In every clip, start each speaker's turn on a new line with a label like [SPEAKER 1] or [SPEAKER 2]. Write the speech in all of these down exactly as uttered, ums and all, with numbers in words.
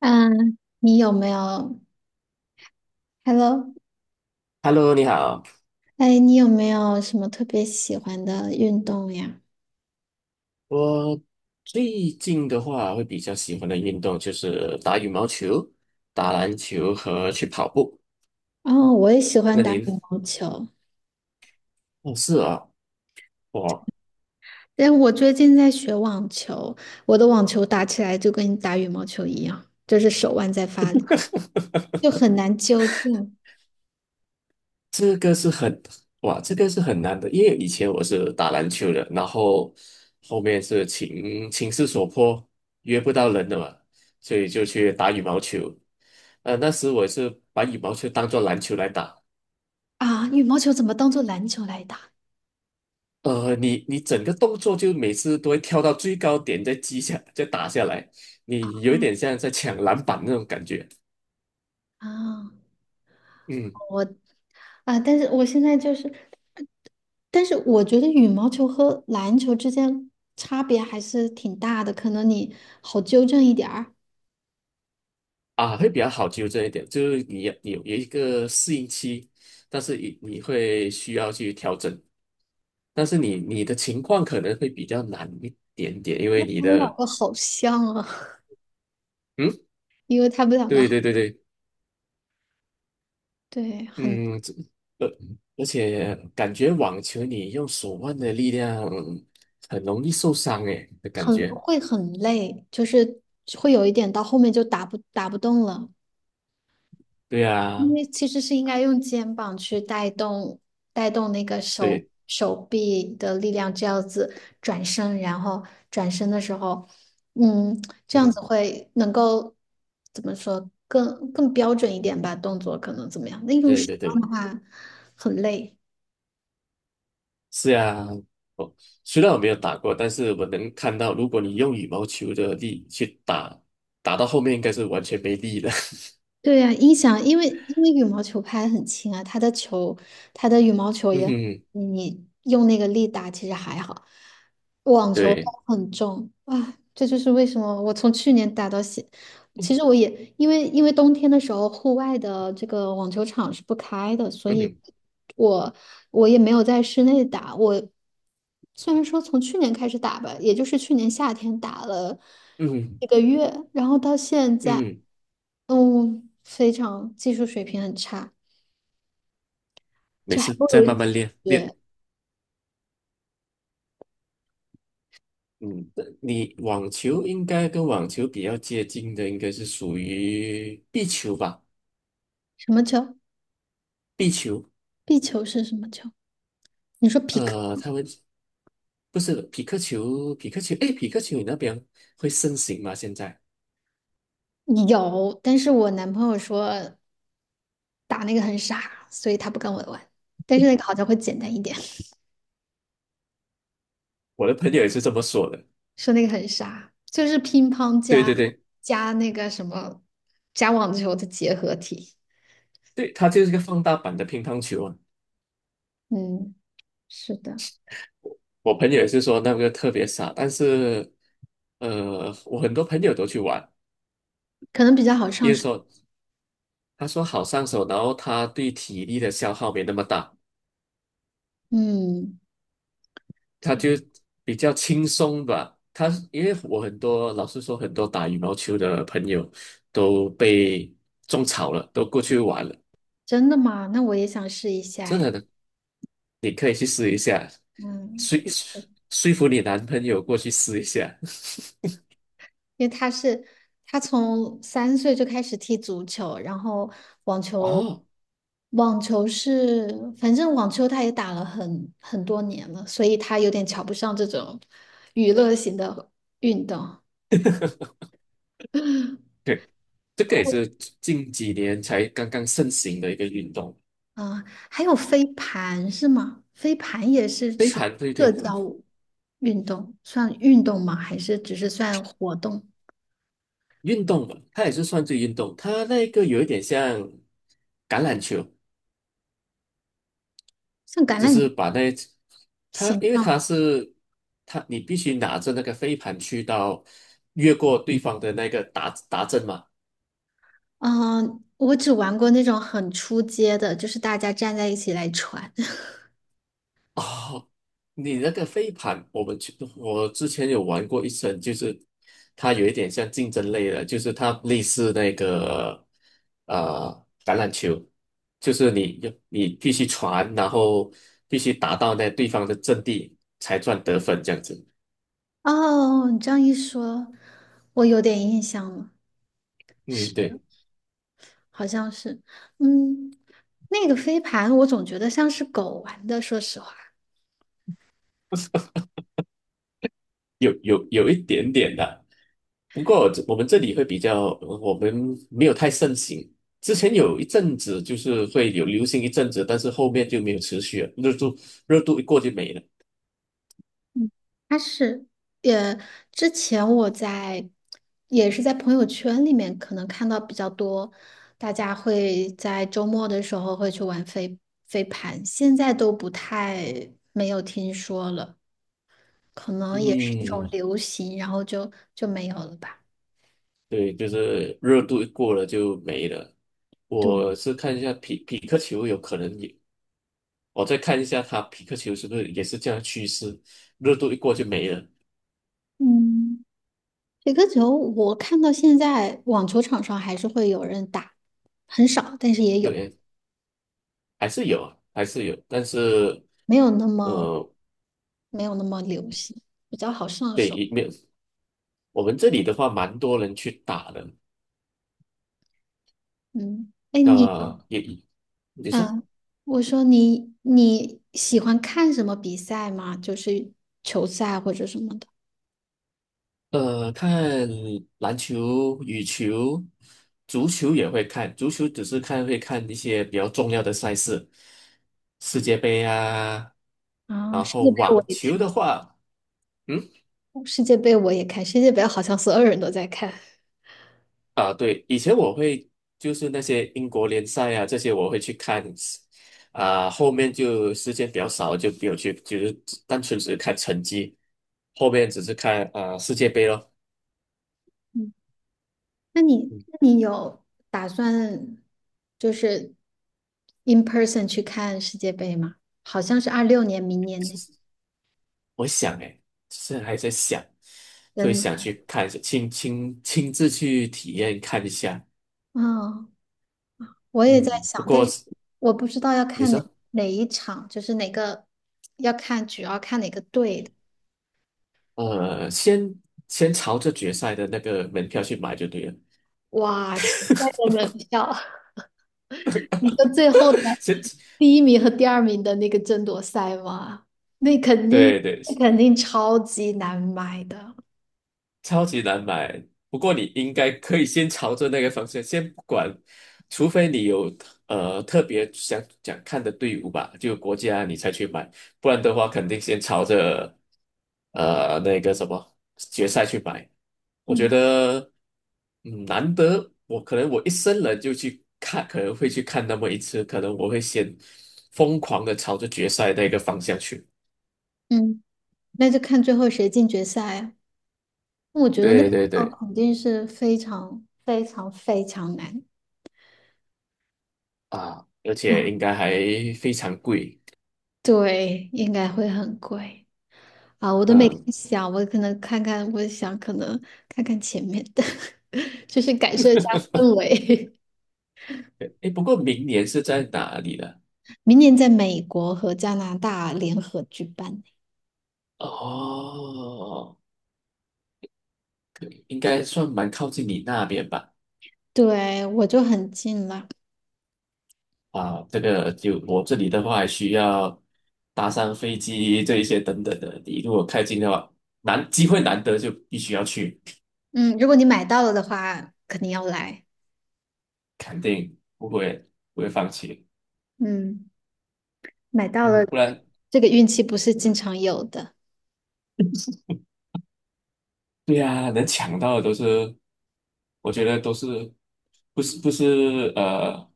[SPEAKER 1] 嗯，你有没有？Hello，
[SPEAKER 2] Hello，你好。
[SPEAKER 1] 哎，你有没有什么特别喜欢的运动呀？
[SPEAKER 2] 我最近的话会比较喜欢的运动就是打羽毛球、打篮球和去跑步。
[SPEAKER 1] 哦，我也喜欢
[SPEAKER 2] 那
[SPEAKER 1] 打羽
[SPEAKER 2] 您
[SPEAKER 1] 毛
[SPEAKER 2] 呢？
[SPEAKER 1] 球，
[SPEAKER 2] 哦，是啊，哇，
[SPEAKER 1] 但我最近在学网球，我的网球打起来就跟打羽毛球一样，就是手腕在发力，就很难纠正
[SPEAKER 2] 这个是很，哇，这个是很难的，因为以前我是打篮球的，然后后面是情情势所迫，约不到人了嘛，所以就去打羽毛球。呃，那时我是把羽毛球当做篮球来打。
[SPEAKER 1] 啊。羽毛球怎么当做篮球来打
[SPEAKER 2] 呃，你你整个动作就每次都会跳到最高点，再击下，再打下来，你有一点像在抢篮板那种感觉。
[SPEAKER 1] 啊？
[SPEAKER 2] 嗯。
[SPEAKER 1] 我啊，但是我现在就是，但是我觉得羽毛球和篮球之间差别还是挺大的，可能你好纠正一点儿。
[SPEAKER 2] 啊，会比较好纠正一点，就是你你有一个适应期，但是你你会需要去调整，但是你你的情况可能会比较难一点点，因为你
[SPEAKER 1] 他们两
[SPEAKER 2] 的，
[SPEAKER 1] 个好像啊，
[SPEAKER 2] 嗯，
[SPEAKER 1] 因为他们两个
[SPEAKER 2] 对对对对，
[SPEAKER 1] 对很
[SPEAKER 2] 嗯，这呃，而且感觉网球你用手腕的力量很容易受伤诶的感
[SPEAKER 1] 很
[SPEAKER 2] 觉，
[SPEAKER 1] 会很累，就是会有一点到后面就打不打不动了，
[SPEAKER 2] 对
[SPEAKER 1] 因
[SPEAKER 2] 啊。
[SPEAKER 1] 为其实是应该用肩膀去带动带动那个手
[SPEAKER 2] 对，
[SPEAKER 1] 手臂的力量，这样子转身，然后转身的时候，嗯，这样子
[SPEAKER 2] 嗯，
[SPEAKER 1] 会能够怎么说更更标准一点吧，动作可能怎么样？那用
[SPEAKER 2] 对
[SPEAKER 1] 手
[SPEAKER 2] 对
[SPEAKER 1] 腕
[SPEAKER 2] 对，
[SPEAKER 1] 的话很累。
[SPEAKER 2] 是呀。哦，虽然我没有打过，但是我能看到，如果你用羽毛球的力去打，打到后面应该是完全没力了。
[SPEAKER 1] 对呀、音响，因为因为羽毛球拍很轻啊，它的球，它的羽毛 球
[SPEAKER 2] 嗯
[SPEAKER 1] 也很，
[SPEAKER 2] 哼，
[SPEAKER 1] 你用那个力打其实还好，网球它
[SPEAKER 2] 对，
[SPEAKER 1] 很重啊，这就是为什么我从去年打到现，其实我也因为因为冬天的时候，户外的这个网球场是不开的，所
[SPEAKER 2] 嗯
[SPEAKER 1] 以
[SPEAKER 2] 哼
[SPEAKER 1] 我我也没有在室内打。我虽然说从去年开始打吧，也就是去年夏天打了
[SPEAKER 2] 嗯哼
[SPEAKER 1] 一个月，然后到现在，
[SPEAKER 2] 嗯，
[SPEAKER 1] 嗯，非常技术水平很差，
[SPEAKER 2] 没
[SPEAKER 1] 就还
[SPEAKER 2] 事，
[SPEAKER 1] 不
[SPEAKER 2] 再
[SPEAKER 1] 如
[SPEAKER 2] 慢慢练练。
[SPEAKER 1] 学
[SPEAKER 2] 嗯，你网球应该跟网球比较接近的，应该是属于壁球吧？
[SPEAKER 1] 什么球？
[SPEAKER 2] 壁球，
[SPEAKER 1] 壁球是什么球？你说匹克
[SPEAKER 2] 呃，他们不是匹克球，匹克球，诶，匹克球你那边会盛行吗？现在
[SPEAKER 1] 有，但是我男朋友说。打那个很傻，所以他不跟我玩。但是那个好像会简单一点，
[SPEAKER 2] 我的朋友也是这么说的。
[SPEAKER 1] 说那个很傻，就是乒乓
[SPEAKER 2] 对
[SPEAKER 1] 加
[SPEAKER 2] 对对
[SPEAKER 1] 加那个什么加网球的结合体。
[SPEAKER 2] 对，它就是一个放大版的乒乓球啊。
[SPEAKER 1] 嗯，是的，
[SPEAKER 2] 我朋友也是说那个特别傻，但是呃，我很多朋友都去玩，
[SPEAKER 1] 可能比较好
[SPEAKER 2] 因
[SPEAKER 1] 上
[SPEAKER 2] 为
[SPEAKER 1] 手。
[SPEAKER 2] 说他说好上手，然后他对体力的消耗没那么大，
[SPEAKER 1] 嗯，
[SPEAKER 2] 他就比较轻松吧。他因为我很多老实说，很多打羽毛球的朋友都被种草了，都过去玩了，
[SPEAKER 1] 真的吗？那我也想试一下
[SPEAKER 2] 真
[SPEAKER 1] 哎。
[SPEAKER 2] 的的，你可以去试一下，
[SPEAKER 1] 嗯。
[SPEAKER 2] 说说服你男朋友过去试一下。
[SPEAKER 1] 因为他是他从三岁就开始踢足球，然后网球，
[SPEAKER 2] 哦，
[SPEAKER 1] 网球是反正网球他也打了很很多年了，所以他有点瞧不上这种娱乐型的运动。
[SPEAKER 2] 对，这个也
[SPEAKER 1] 他
[SPEAKER 2] 是近几年才刚刚盛行的一个运动。
[SPEAKER 1] 嗯、还有飞盘是吗？飞盘也是
[SPEAKER 2] 飞
[SPEAKER 1] 属于
[SPEAKER 2] 盘，对
[SPEAKER 1] 社
[SPEAKER 2] 对对，
[SPEAKER 1] 交运动，算运动吗？还是只是算活动？
[SPEAKER 2] 运动嘛，它也是算是运动，它那个有一点像橄榄球，
[SPEAKER 1] 像橄
[SPEAKER 2] 只
[SPEAKER 1] 榄
[SPEAKER 2] 是
[SPEAKER 1] 球
[SPEAKER 2] 把那它，
[SPEAKER 1] 形
[SPEAKER 2] 因为
[SPEAKER 1] 状？
[SPEAKER 2] 它是它，你必须拿着那个飞盘去到越过对方的那个达达阵嘛。
[SPEAKER 1] 嗯，我只玩过那种很出街的，就是大家站在一起来传。
[SPEAKER 2] 哦，你那个飞盘，我们去，我之前有玩过一次，就是它有一点像竞争类的，就是它类似那个呃橄榄球，就是你你必须传，然后必须达到那对方的阵地才算得分这样子。
[SPEAKER 1] 哦，你这样一说，我有点印象了，
[SPEAKER 2] 嗯，
[SPEAKER 1] 是，
[SPEAKER 2] 对。
[SPEAKER 1] 好像是，嗯，那个飞盘我总觉得像是狗玩的，说实话，
[SPEAKER 2] 有有有一点点的，不过我们这里会比较，我们没有太盛行。之前有一阵子就是会有流行一阵子，但是后面就没有持续了，热度热度一过就没了。
[SPEAKER 1] 嗯，它是，也之前我在也是在朋友圈里面可能看到比较多，大家会在周末的时候会去玩飞飞盘，现在都不太没有听说了。可能也是一种
[SPEAKER 2] 嗯，
[SPEAKER 1] 流行，然后就就没有了吧。
[SPEAKER 2] 对，就是热度一过了就没了。
[SPEAKER 1] 对，
[SPEAKER 2] 我是看一下匹匹克球有可能也，我再看一下它匹克球是不是也是这样的趋势，热度一过就没了。
[SPEAKER 1] 嗯，雪个球，我看到现在网球场上还是会有人打，很少，但是也有，
[SPEAKER 2] 对，还是有，还是有，但是
[SPEAKER 1] 没有那么
[SPEAKER 2] 呃，
[SPEAKER 1] 没有那么流行，比较好上
[SPEAKER 2] 对，
[SPEAKER 1] 手。
[SPEAKER 2] 也没有。我们这里的话，蛮多人去打的。
[SPEAKER 1] 嗯，哎，你，
[SPEAKER 2] 呃，也你说，
[SPEAKER 1] 嗯，我说你你喜欢看什么比赛吗？就是球赛或者什么的。
[SPEAKER 2] 呃，看篮球、羽球、足球也会看，足球只是看会看一些比较重要的赛事，世界杯啊。
[SPEAKER 1] 啊，
[SPEAKER 2] 然
[SPEAKER 1] 世界
[SPEAKER 2] 后
[SPEAKER 1] 杯我
[SPEAKER 2] 网
[SPEAKER 1] 也
[SPEAKER 2] 球的
[SPEAKER 1] 看，
[SPEAKER 2] 话，嗯。
[SPEAKER 1] 世界杯我也看，世界杯好像所有人都在看。
[SPEAKER 2] 啊，对，以前我会就是那些英国联赛啊，这些我会去看，啊，后面就时间比较少，就没有去，就是单纯只是看成绩，后面只是看啊世界杯咯。
[SPEAKER 1] 那你
[SPEAKER 2] 嗯，
[SPEAKER 1] 那你有打算就是 in person 去看世界杯吗？好像是二六年，明年呢。
[SPEAKER 2] 我想诶，现在还在想，会
[SPEAKER 1] 真
[SPEAKER 2] 想
[SPEAKER 1] 的，
[SPEAKER 2] 去看一下，亲亲亲自去体验看一下。
[SPEAKER 1] 嗯，我也在
[SPEAKER 2] 嗯，不
[SPEAKER 1] 想，但
[SPEAKER 2] 过
[SPEAKER 1] 是我不知道要
[SPEAKER 2] 你
[SPEAKER 1] 看哪
[SPEAKER 2] 说，
[SPEAKER 1] 哪一场，就是哪个要看，主要看哪个队的。
[SPEAKER 2] 呃，先先朝着决赛的那个门票去买就对了。
[SPEAKER 1] 哇，决赛的门票，你说最后的
[SPEAKER 2] 先，
[SPEAKER 1] 第一名和第二名的那个争夺赛吗？那肯定，
[SPEAKER 2] 对对，
[SPEAKER 1] 那肯定超级难买的。
[SPEAKER 2] 超级难买。不过你应该可以先朝着那个方向，先不管，除非你有呃特别想想看的队伍吧，就国家你才去买，不然的话肯定先朝着呃那个什么决赛去买。我觉
[SPEAKER 1] 嗯
[SPEAKER 2] 得嗯难得，我可能我一生人就去看，可能会去看那么一次，可能我会先疯狂的朝着决赛那个方向去。
[SPEAKER 1] 嗯。那就看最后谁进决赛啊。我觉得那
[SPEAKER 2] 对
[SPEAKER 1] 个
[SPEAKER 2] 对
[SPEAKER 1] 哦，
[SPEAKER 2] 对，
[SPEAKER 1] 肯定是非常非常非常难。
[SPEAKER 2] 啊，而
[SPEAKER 1] 啊
[SPEAKER 2] 且应该还非常贵。
[SPEAKER 1] 对，应该会很贵啊！我都没
[SPEAKER 2] 嗯，
[SPEAKER 1] 看想，我可能看看，我想可能看看前面的，就是感受一下氛围。
[SPEAKER 2] 哎，不过明年是在哪里呢？
[SPEAKER 1] 明年在美国和加拿大联合举办，
[SPEAKER 2] 哦，应该算蛮靠近你那边吧？
[SPEAKER 1] 对，我就很近了。
[SPEAKER 2] 啊，这个就我这里的话，还需要搭上飞机这一些等等的。你如果开进的话，难，机会难得，就必须要去，
[SPEAKER 1] 嗯，如果你买到了的话，肯定要来。
[SPEAKER 2] 肯定不会不会放弃。
[SPEAKER 1] 嗯，买到
[SPEAKER 2] 嗯，
[SPEAKER 1] 了，
[SPEAKER 2] 不然，
[SPEAKER 1] 这个运气不是经常有的。
[SPEAKER 2] 对呀、能抢到的都是，我觉得都是不是不是呃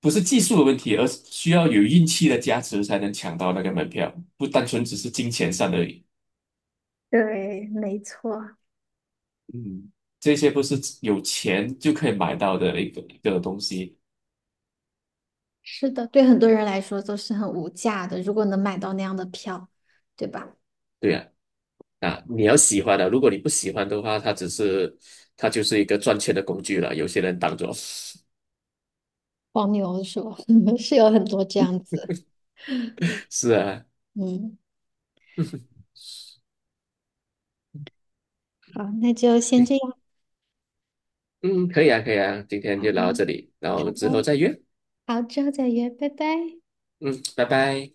[SPEAKER 2] 不是技术的问题，而是需要有运气的加持才能抢到那个门票，不单纯只是金钱上的，
[SPEAKER 1] 对，没错，
[SPEAKER 2] 嗯，这些不是有钱就可以买到的一个一个东西。
[SPEAKER 1] 是的，对很多人来说都是很无价的，如果能买到那样的票，对吧？
[SPEAKER 2] 对啊，啊，你要喜欢的，如果你不喜欢的话，它只是它就是一个赚钱的工具了，有些人当做
[SPEAKER 1] 黄牛是吧？嗯是有很多这样子。
[SPEAKER 2] 是啊，
[SPEAKER 1] 嗯，好，那就先这样
[SPEAKER 2] 嗯，可以啊，可以啊，今天
[SPEAKER 1] 好
[SPEAKER 2] 就
[SPEAKER 1] 的，
[SPEAKER 2] 聊到这
[SPEAKER 1] 好
[SPEAKER 2] 里，然后我们之后
[SPEAKER 1] 的，
[SPEAKER 2] 再约，
[SPEAKER 1] 好，之后再约，拜拜。
[SPEAKER 2] 嗯，拜拜。